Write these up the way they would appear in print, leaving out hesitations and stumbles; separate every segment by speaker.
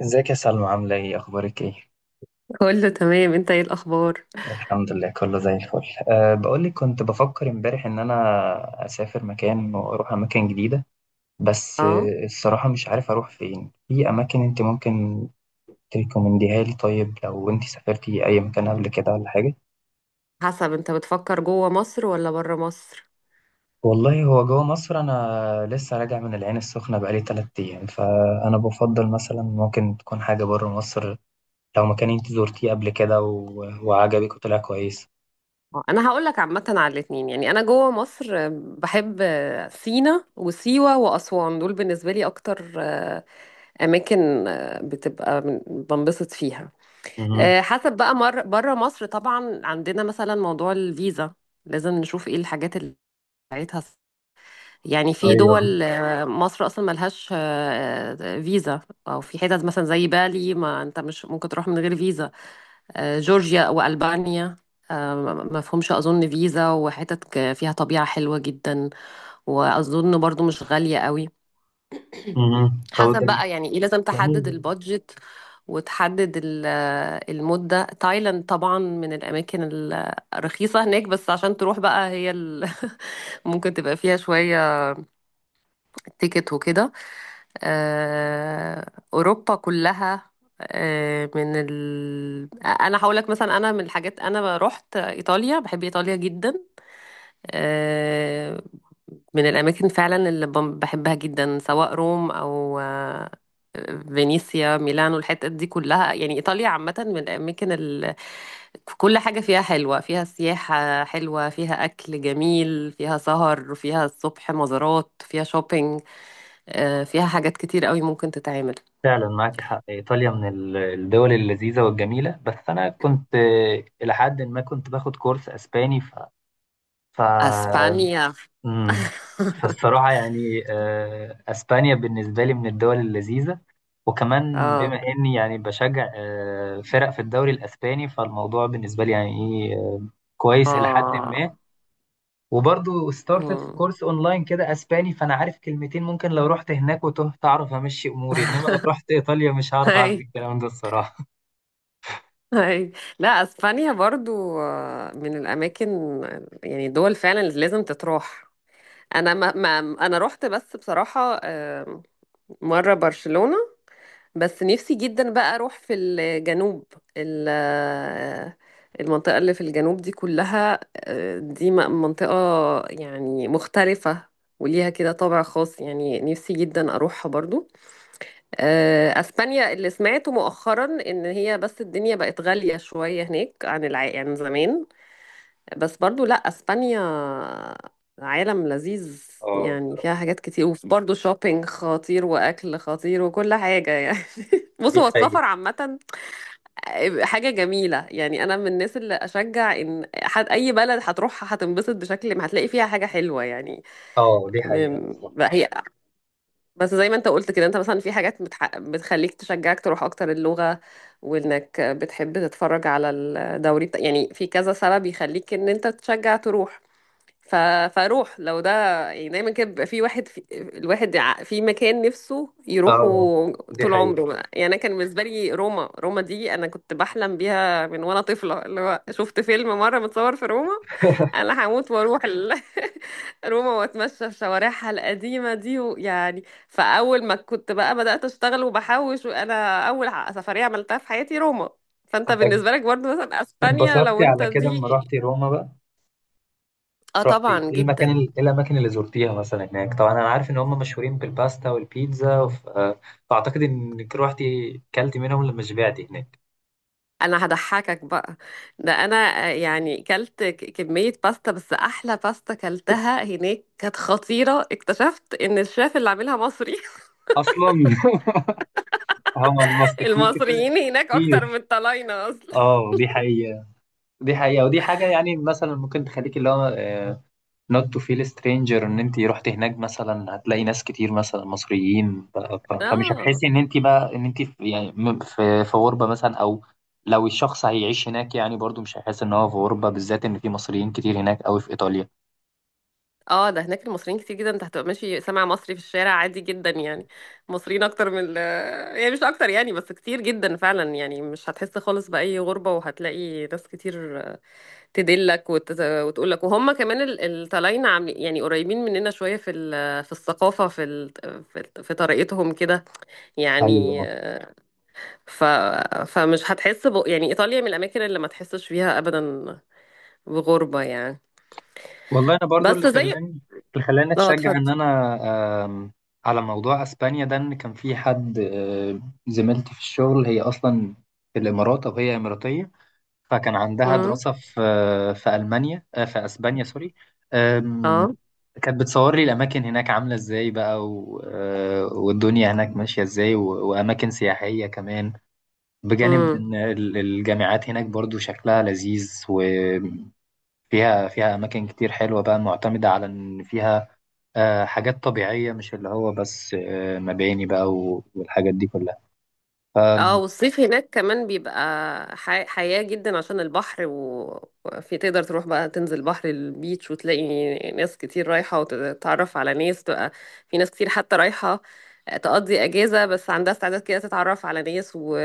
Speaker 1: ازيك يا سلمى، عاملة ايه؟ اخبارك ايه؟
Speaker 2: كله تمام، انت ايه الاخبار؟
Speaker 1: الحمد لله، كله زي الفل. بقولك، كنت بفكر امبارح ان انا اسافر مكان واروح اماكن جديدة. بس
Speaker 2: اه.
Speaker 1: الصراحة مش عارف اروح فين، في اماكن انت ممكن تريكومنديها لي؟ طيب، لو انت سافرتي اي مكان قبل كده ولا حاجة؟
Speaker 2: حسب، انت بتفكر جوه مصر ولا بره مصر؟
Speaker 1: والله هو جوه مصر، انا لسه راجع من العين السخنة بقالي 3 ايام، فانا بفضل مثلا ممكن تكون حاجة بره مصر، لو مكان انت زرتيه قبل كده و... وعجبك وطلع كويس.
Speaker 2: اه، انا هقول لك عامه على الاتنين. يعني انا جوه مصر، بحب سينا وسيوه واسوان، دول بالنسبه لي اكتر اماكن بتبقى بنبسط فيها.
Speaker 1: مهم.
Speaker 2: حسب بقى مر بره مصر، طبعا عندنا مثلا موضوع الفيزا، لازم نشوف ايه الحاجات اللي بتاعتها. يعني في
Speaker 1: ايوه.
Speaker 2: دول مصر اصلا ملهاش فيزا، او في حتت مثلا زي بالي، ما انت مش ممكن تروح من غير فيزا، جورجيا والبانيا آه، ما فيهمش اظن فيزا، وحتت فيها طبيعة حلوة جدا، واظن برضو مش غالية قوي.
Speaker 1: مم. طب
Speaker 2: حسب
Speaker 1: ده
Speaker 2: بقى يعني ايه، لازم
Speaker 1: جميل
Speaker 2: تحدد
Speaker 1: جدا.
Speaker 2: البادجت وتحدد المدة. تايلاند طبعا من الأماكن الرخيصة هناك، بس عشان تروح بقى هي ممكن تبقى فيها شوية تيكت وكده. آه، اوروبا كلها، انا هقول لك مثلا، انا من الحاجات، انا رحت ايطاليا، بحب ايطاليا جدا، آه، من الاماكن فعلا اللي بحبها جدا، سواء روم او فينيسيا ميلانو، الحتت دي كلها. يعني ايطاليا عامه من الاماكن. كل حاجه فيها حلوه، فيها سياحه حلوه، فيها اكل جميل، فيها سهر، فيها الصبح مزارات، فيها شوبينج، فيها حاجات كتير قوي ممكن تتعمل.
Speaker 1: فعلا معاكي حق، ايطاليا من الدول اللذيذه والجميله، بس انا كنت الى حد ما كنت باخد كورس اسباني ف ف
Speaker 2: اسبانيا.
Speaker 1: مم. فالصراحه يعني اسبانيا بالنسبه لي من الدول اللذيذه، وكمان
Speaker 2: اه.
Speaker 1: بما اني يعني بشجع فرق في الدوري الاسباني، فالموضوع بالنسبه لي يعني ايه، كويس الى حد
Speaker 2: اه.
Speaker 1: ما. وبرضه ستارتت في
Speaker 2: مم.
Speaker 1: كورس اونلاين كده اسباني، فانا عارف كلمتين، ممكن لو رحت هناك وتهت اعرف امشي اموري، انما لو رحت ايطاليا مش هعرف اعمل
Speaker 2: هاي
Speaker 1: الكلام ده الصراحه.
Speaker 2: هاي. لا، اسبانيا برضو من الاماكن، يعني دول فعلا اللي لازم تتروح. انا ما، انا رحت بس بصراحة مرة برشلونة، بس نفسي جدا بقى اروح في الجنوب، المنطقة اللي في الجنوب دي كلها، دي منطقة يعني مختلفة وليها كده طابع خاص، يعني نفسي جدا اروحها برضو. اسبانيا، اللي سمعته مؤخرا ان هي، بس الدنيا بقت غالية شوية هناك عن زمان، بس برضو لا، اسبانيا عالم لذيذ،
Speaker 1: اه
Speaker 2: يعني فيها
Speaker 1: الصراحة.
Speaker 2: حاجات كتير، وبرضه شوبينج خطير واكل خطير وكل حاجة يعني. بص،
Speaker 1: دي
Speaker 2: هو
Speaker 1: حقيقة.
Speaker 2: السفر عامة حاجة جميلة، يعني انا من الناس اللي اشجع ان حد اي بلد هتروحها هتنبسط، بشكل ما هتلاقي فيها حاجة حلوة يعني.
Speaker 1: اه دي حقيقة
Speaker 2: بقى
Speaker 1: بالظبط.
Speaker 2: هي، بس زي ما انت قلت كده، انت مثلا في حاجات بتخليك تشجعك تروح اكتر، اللغة، وانك بتحب تتفرج على الدوري، يعني في كذا سبب يخليك ان انت تشجع تروح. ف... فاروح لو ده يعني. دايما كده بيبقى في واحد، الواحد في مكان نفسه يروحه
Speaker 1: اه دي
Speaker 2: طول
Speaker 1: حقيقة.
Speaker 2: عمره بقى. يعني انا كان بالنسبه لي روما، روما دي انا كنت بحلم بيها من وانا طفله، اللي هو شفت فيلم مره متصور في روما، انا هموت واروح. روما، واتمشى في شوارعها القديمه دي ويعني، فاول ما كنت بقى بدات اشتغل وبحوش، وانا اول سفريه عملتها في حياتي روما. فانت بالنسبه لك برضه مثلا اسبانيا لو
Speaker 1: اتبسطتي
Speaker 2: انت
Speaker 1: على كده لما
Speaker 2: دي.
Speaker 1: رحتي روما بقى؟
Speaker 2: اه
Speaker 1: رحتي
Speaker 2: طبعا،
Speaker 1: ايه المكان
Speaker 2: جدا.
Speaker 1: ايه الاماكن اللي زرتيها مثلا هناك؟ طبعا انا عارف ان هم مشهورين بالباستا والبيتزا وف... آه، فاعتقد انك روحتي كلتي منهم لما شبعتي هناك.
Speaker 2: انا هضحكك بقى، ده انا يعني كلت كمية باستا، بس احلى باستا كلتها هناك كانت خطيرة، اكتشفت ان الشيف اللي عاملها مصري.
Speaker 1: اصلا هم المصريين كده
Speaker 2: المصريين هناك
Speaker 1: كتير.
Speaker 2: اكتر من الطلاينة اصلا.
Speaker 1: اه دي حقيقة. دي حقيقة، ودي حاجة يعني مثلا ممكن تخليك اللي هو نوت تو فيل سترينجر، ان انت رحت هناك مثلا هتلاقي ناس كتير مثلا مصريين، فمش
Speaker 2: اه.
Speaker 1: هتحسي ان انت بقى ان انت في يعني في غربة مثلا، او لو الشخص هيعيش هناك يعني برضو مش هيحس ان هو في غربة، بالذات ان في مصريين كتير هناك قوي في ايطاليا.
Speaker 2: اه. ده هناك المصريين كتير جدا، انت هتبقى ماشي سامع مصري في الشارع عادي جدا يعني. مصريين اكتر من. يعني مش اكتر يعني، بس كتير جدا فعلا، يعني مش هتحس خالص بأي غربة، وهتلاقي ناس كتير تدلك وتقول لك، وهم كمان الطلاينة عاملين يعني قريبين مننا شوية في في الثقافة، في في طريقتهم كده يعني.
Speaker 1: ايوه.
Speaker 2: ف... فمش هتحس. يعني إيطاليا من الأماكن اللي ما تحسش فيها أبدا بغربة يعني.
Speaker 1: والله انا برضو اللي
Speaker 2: بس زي.
Speaker 1: خلاني اللي خلاني
Speaker 2: اه.
Speaker 1: اتشجع ان
Speaker 2: اتفضل.
Speaker 1: انا، على موضوع اسبانيا ده، ان كان في حد زميلتي في الشغل، هي اصلا في الامارات، او هي اماراتيه، فكان عندها
Speaker 2: امم.
Speaker 1: دراسه في في المانيا، في اسبانيا، سوري. آم،
Speaker 2: اه.
Speaker 1: كانت بتصور لي الاماكن هناك عامله ازاي بقى والدنيا هناك ماشيه ازاي واماكن سياحيه كمان، بجانب
Speaker 2: امم.
Speaker 1: ان الجامعات هناك برضو شكلها لذيذ. فيها أماكن كتير حلوة بقى معتمدة على إن فيها حاجات طبيعية، مش اللي هو بس مباني بقى والحاجات دي كلها.
Speaker 2: اه. والصيف هناك كمان بيبقى حياة جدا، عشان البحر، وفي تقدر تروح بقى تنزل بحر البيتش، وتلاقي ناس كتير رايحة وتتعرف على ناس، تبقى في ناس كتير حتى رايحة تقضي أجازة، بس عندها استعداد كده تتعرف على ناس. و...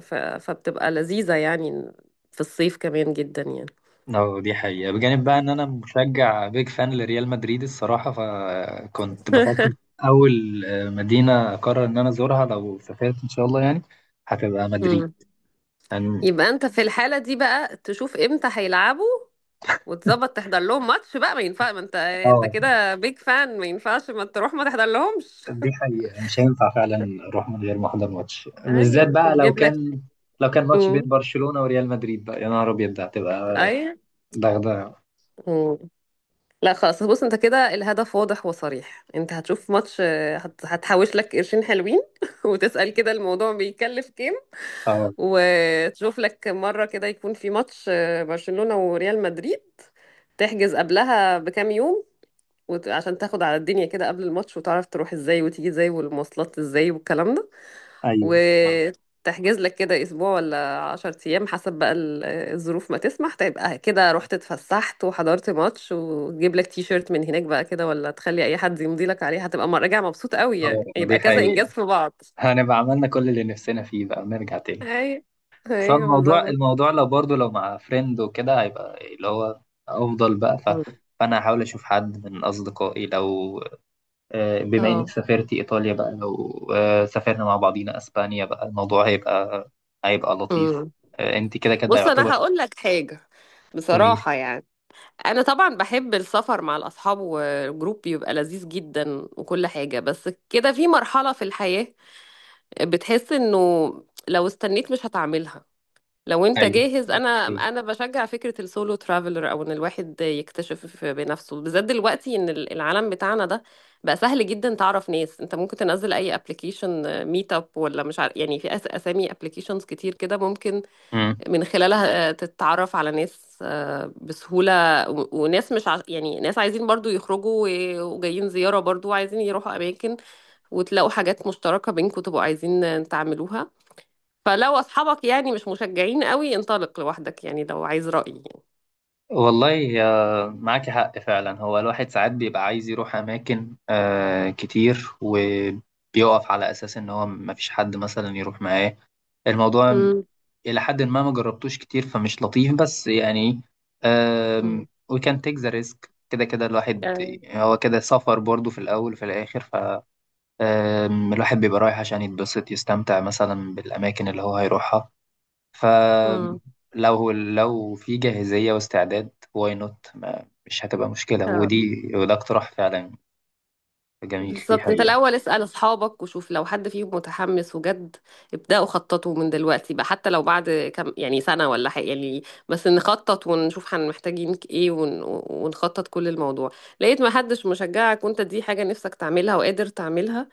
Speaker 2: ف... فبتبقى لذيذة يعني في الصيف كمان جدا يعني.
Speaker 1: اه دي حقيقة، بجانب بقى إن أنا مشجع بيج فان لريال مدريد الصراحة، فكنت بفكر أول مدينة أقرر إن أنا أزورها لو سافرت إن شاء الله، يعني هتبقى مدريد
Speaker 2: مم.
Speaker 1: يعني.
Speaker 2: يبقى انت في الحالة دي بقى تشوف امتى هيلعبوا، وتظبط تحضر لهم ماتش بقى، ما ينفع، ما انت
Speaker 1: اه
Speaker 2: كده بيج فان، ما ينفعش ما تروح ما تحضر لهمش.
Speaker 1: دي حقيقة، مش هينفع فعلا أروح من غير ما أحضر ماتش، بالذات
Speaker 2: ايوه
Speaker 1: بقى لو
Speaker 2: وتجيب لك.
Speaker 1: كان لو كان ماتش بين
Speaker 2: امم.
Speaker 1: برشلونة وريال مدريد، بقى يا نهار أبيض، ده هتبقى
Speaker 2: ايوه.
Speaker 1: ضغطة.
Speaker 2: مم. لا، خلاص، بص، انت كده الهدف واضح وصريح، انت هتشوف ماتش، هتحوش لك قرشين حلوين، وتسأل كده الموضوع بيكلف كام،
Speaker 1: اه.
Speaker 2: وتشوف لك مرة كده يكون في ماتش برشلونة وريال مدريد، تحجز قبلها بكام يوم، عشان تاخد على الدنيا كده قبل الماتش، وتعرف تروح ازاي وتيجي ازاي والمواصلات ازاي والكلام ده،
Speaker 1: ايوه. اه.
Speaker 2: وتحجز لك كده اسبوع ولا عشر ايام حسب بقى الظروف ما تسمح، تبقى كده رحت اتفسحت وحضرت ماتش، وتجيب لك تي شيرت من هناك بقى، كده، ولا تخلي اي حد يمضي لك عليه، هتبقى راجع مبسوط قوي
Speaker 1: اه
Speaker 2: يعني،
Speaker 1: دي
Speaker 2: يبقى كذا انجاز
Speaker 1: حقيقة،
Speaker 2: في بعض.
Speaker 1: هنبقى عملنا كل اللي نفسنا فيه بقى ونرجع تاني.
Speaker 2: ايوه.
Speaker 1: بس هو
Speaker 2: ايوه
Speaker 1: الموضوع
Speaker 2: بالظبط.
Speaker 1: الموضوع لو برضه لو مع فريند وكده هيبقى اللي هو أفضل بقى.
Speaker 2: مم.
Speaker 1: فأنا هحاول أشوف حد من أصدقائي، لو بما إنك
Speaker 2: اه.
Speaker 1: سافرتي إيطاليا بقى، لو سافرنا مع بعضينا أسبانيا بقى، الموضوع هيبقى لطيف،
Speaker 2: مم.
Speaker 1: أنت كده كده
Speaker 2: بص، انا
Speaker 1: يعتبر.
Speaker 2: هقول لك حاجه
Speaker 1: قوليلي.
Speaker 2: بصراحه يعني، انا طبعا بحب السفر مع الاصحاب، والجروب بيبقى لذيذ جدا وكل حاجه، بس كده في مرحله في الحياه بتحس انه لو استنيت مش هتعملها، لو انت
Speaker 1: أيوه.
Speaker 2: جاهز، انا
Speaker 1: أوكي.
Speaker 2: انا بشجع فكره السولو ترافلر، او ان الواحد يكتشف بنفسه، بالذات دلوقتي ان العالم بتاعنا ده بقى سهل جدا تعرف ناس، انت ممكن تنزل اي ابلكيشن ميت اب ولا مش عارف، يعني في اسامي ابلكيشنز كتير كده ممكن من خلالها تتعرف على ناس بسهولة، وناس مش ع... يعني ناس عايزين برضو يخرجوا وجايين زيارة برضو، وعايزين يروحوا أماكن، وتلاقوا حاجات مشتركة بينكم تبقوا عايزين تعملوها. فلو أصحابك يعني مش مشجعين قوي، انطلق لوحدك يعني، لو عايز رأيي يعني.
Speaker 1: والله معاكي حق فعلا، هو الواحد ساعات بيبقى عايز يروح أماكن كتير، وبيقف على أساس إن هو مفيش حد مثلا يروح معاه، الموضوع
Speaker 2: امم.
Speaker 1: إلى حد ما ما جربتوش كتير فمش لطيف، بس يعني آم، we can take the risk، كده كده الواحد
Speaker 2: امم.
Speaker 1: هو كده سفر برضه في الأول وفي الآخر. الواحد بيبقى رايح عشان يتبسط، يستمتع مثلا بالأماكن اللي هو هيروحها،
Speaker 2: امم.
Speaker 1: فلو في جاهزية واستعداد واي نوت، مش هتبقى مشكلة، ودي وده اقتراح فعلا جميل، دي
Speaker 2: بالظبط، انت
Speaker 1: حقيقة.
Speaker 2: الاول اسأل اصحابك وشوف لو حد فيهم متحمس وجد، ابدأوا خططوا من دلوقتي بقى، حتى لو بعد كم يعني سنة ولا حاجة يعني، بس نخطط ونشوف هن محتاجين ايه، ونخطط كل الموضوع. لقيت ما حدش مشجعك، وانت دي حاجة نفسك تعملها وقادر تعملها،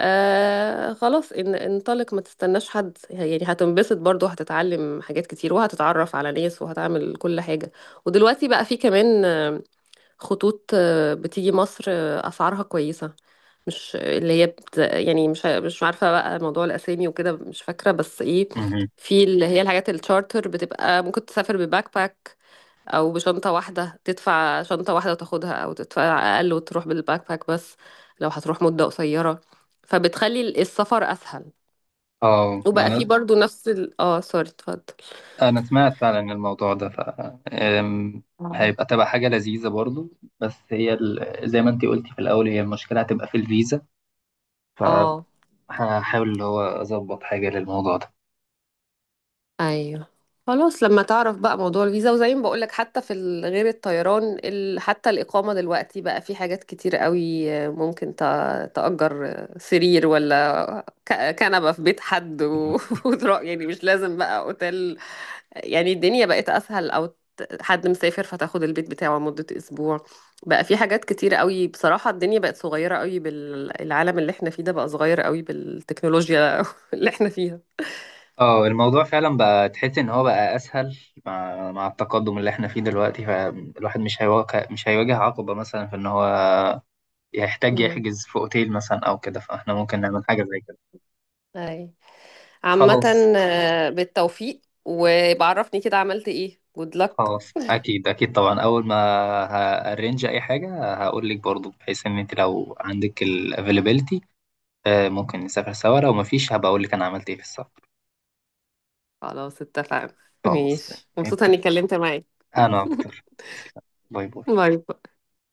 Speaker 2: آه خلاص، انطلق، ما تستناش حد، يعني هتنبسط برضو، هتتعلم حاجات كتير، وهتتعرف على ناس، وهتعمل كل حاجة. ودلوقتي بقى في كمان خطوط بتيجي مصر أسعارها كويسة، مش اللي هي يعني مش عارفه بقى موضوع الاسامي وكده مش فاكره، بس ايه،
Speaker 1: مهم.
Speaker 2: في اللي هي الحاجات التشارتر بتبقى، ممكن تسافر بباك باك، او بشنطه واحده، تدفع شنطه واحده وتاخدها، او تدفع اقل وتروح بالباك باك بس، لو هتروح مده قصيره فبتخلي السفر اسهل.
Speaker 1: اه ما
Speaker 2: وبقى في
Speaker 1: انا،
Speaker 2: برضو نفس اه سوري اتفضل.
Speaker 1: انا سمعت فعلا الموضوع ده، أم،
Speaker 2: آه.
Speaker 1: تبقى حاجة لذيذة برضو. بس هي زي ما انتي قلتي في الاول، هي المشكلة هتبقى في الفيزا،
Speaker 2: اه.
Speaker 1: فهحاول اللي هو اظبط حاجة للموضوع ده.
Speaker 2: ايوه. خلاص لما تعرف بقى موضوع الفيزا، وزي ما بقولك، حتى في غير الطيران، حتى الإقامة دلوقتي بقى في حاجات كتير قوي، ممكن تأجر سرير ولا كنبة في بيت حد، وتروح، يعني مش لازم بقى اوتيل، يعني الدنيا بقت أسهل، أو حد مسافر فتاخد البيت بتاعه مدة أسبوع. بقى في حاجات كتير قوي بصراحة، الدنيا بقت صغيرة قوي، بالعالم اللي احنا فيه ده بقى صغير قوي بالتكنولوجيا اللي احنا فيها.
Speaker 1: اه الموضوع فعلا بقى تحس ان هو بقى اسهل، مع التقدم اللي احنا فيه دلوقتي، فالواحد مش هيواجه عقبة مثلا في ان هو يحتاج يحجز في اوتيل مثلا او كده، فاحنا ممكن نعمل حاجة زي كده.
Speaker 2: امم. عامة
Speaker 1: خلاص.
Speaker 2: بالتوفيق، وبعرفني كده عملت ايه. good luck.
Speaker 1: خلاص اكيد اكيد، طبعا اول ما هارينج اي حاجة هقول لك برضو، بحيث ان انت لو عندك الافيلابيلتي ممكن نسافر سوا، لو مفيش هبقى اقول لك انا عملت ايه في السفر.
Speaker 2: خلاص اتفقنا.
Speaker 1: خلاص تمام.
Speaker 2: ماشي، مبسوطة
Speaker 1: اتفقنا.
Speaker 2: اني اتكلمت معاك.
Speaker 1: انا اكتر. باي باي.
Speaker 2: باي باي.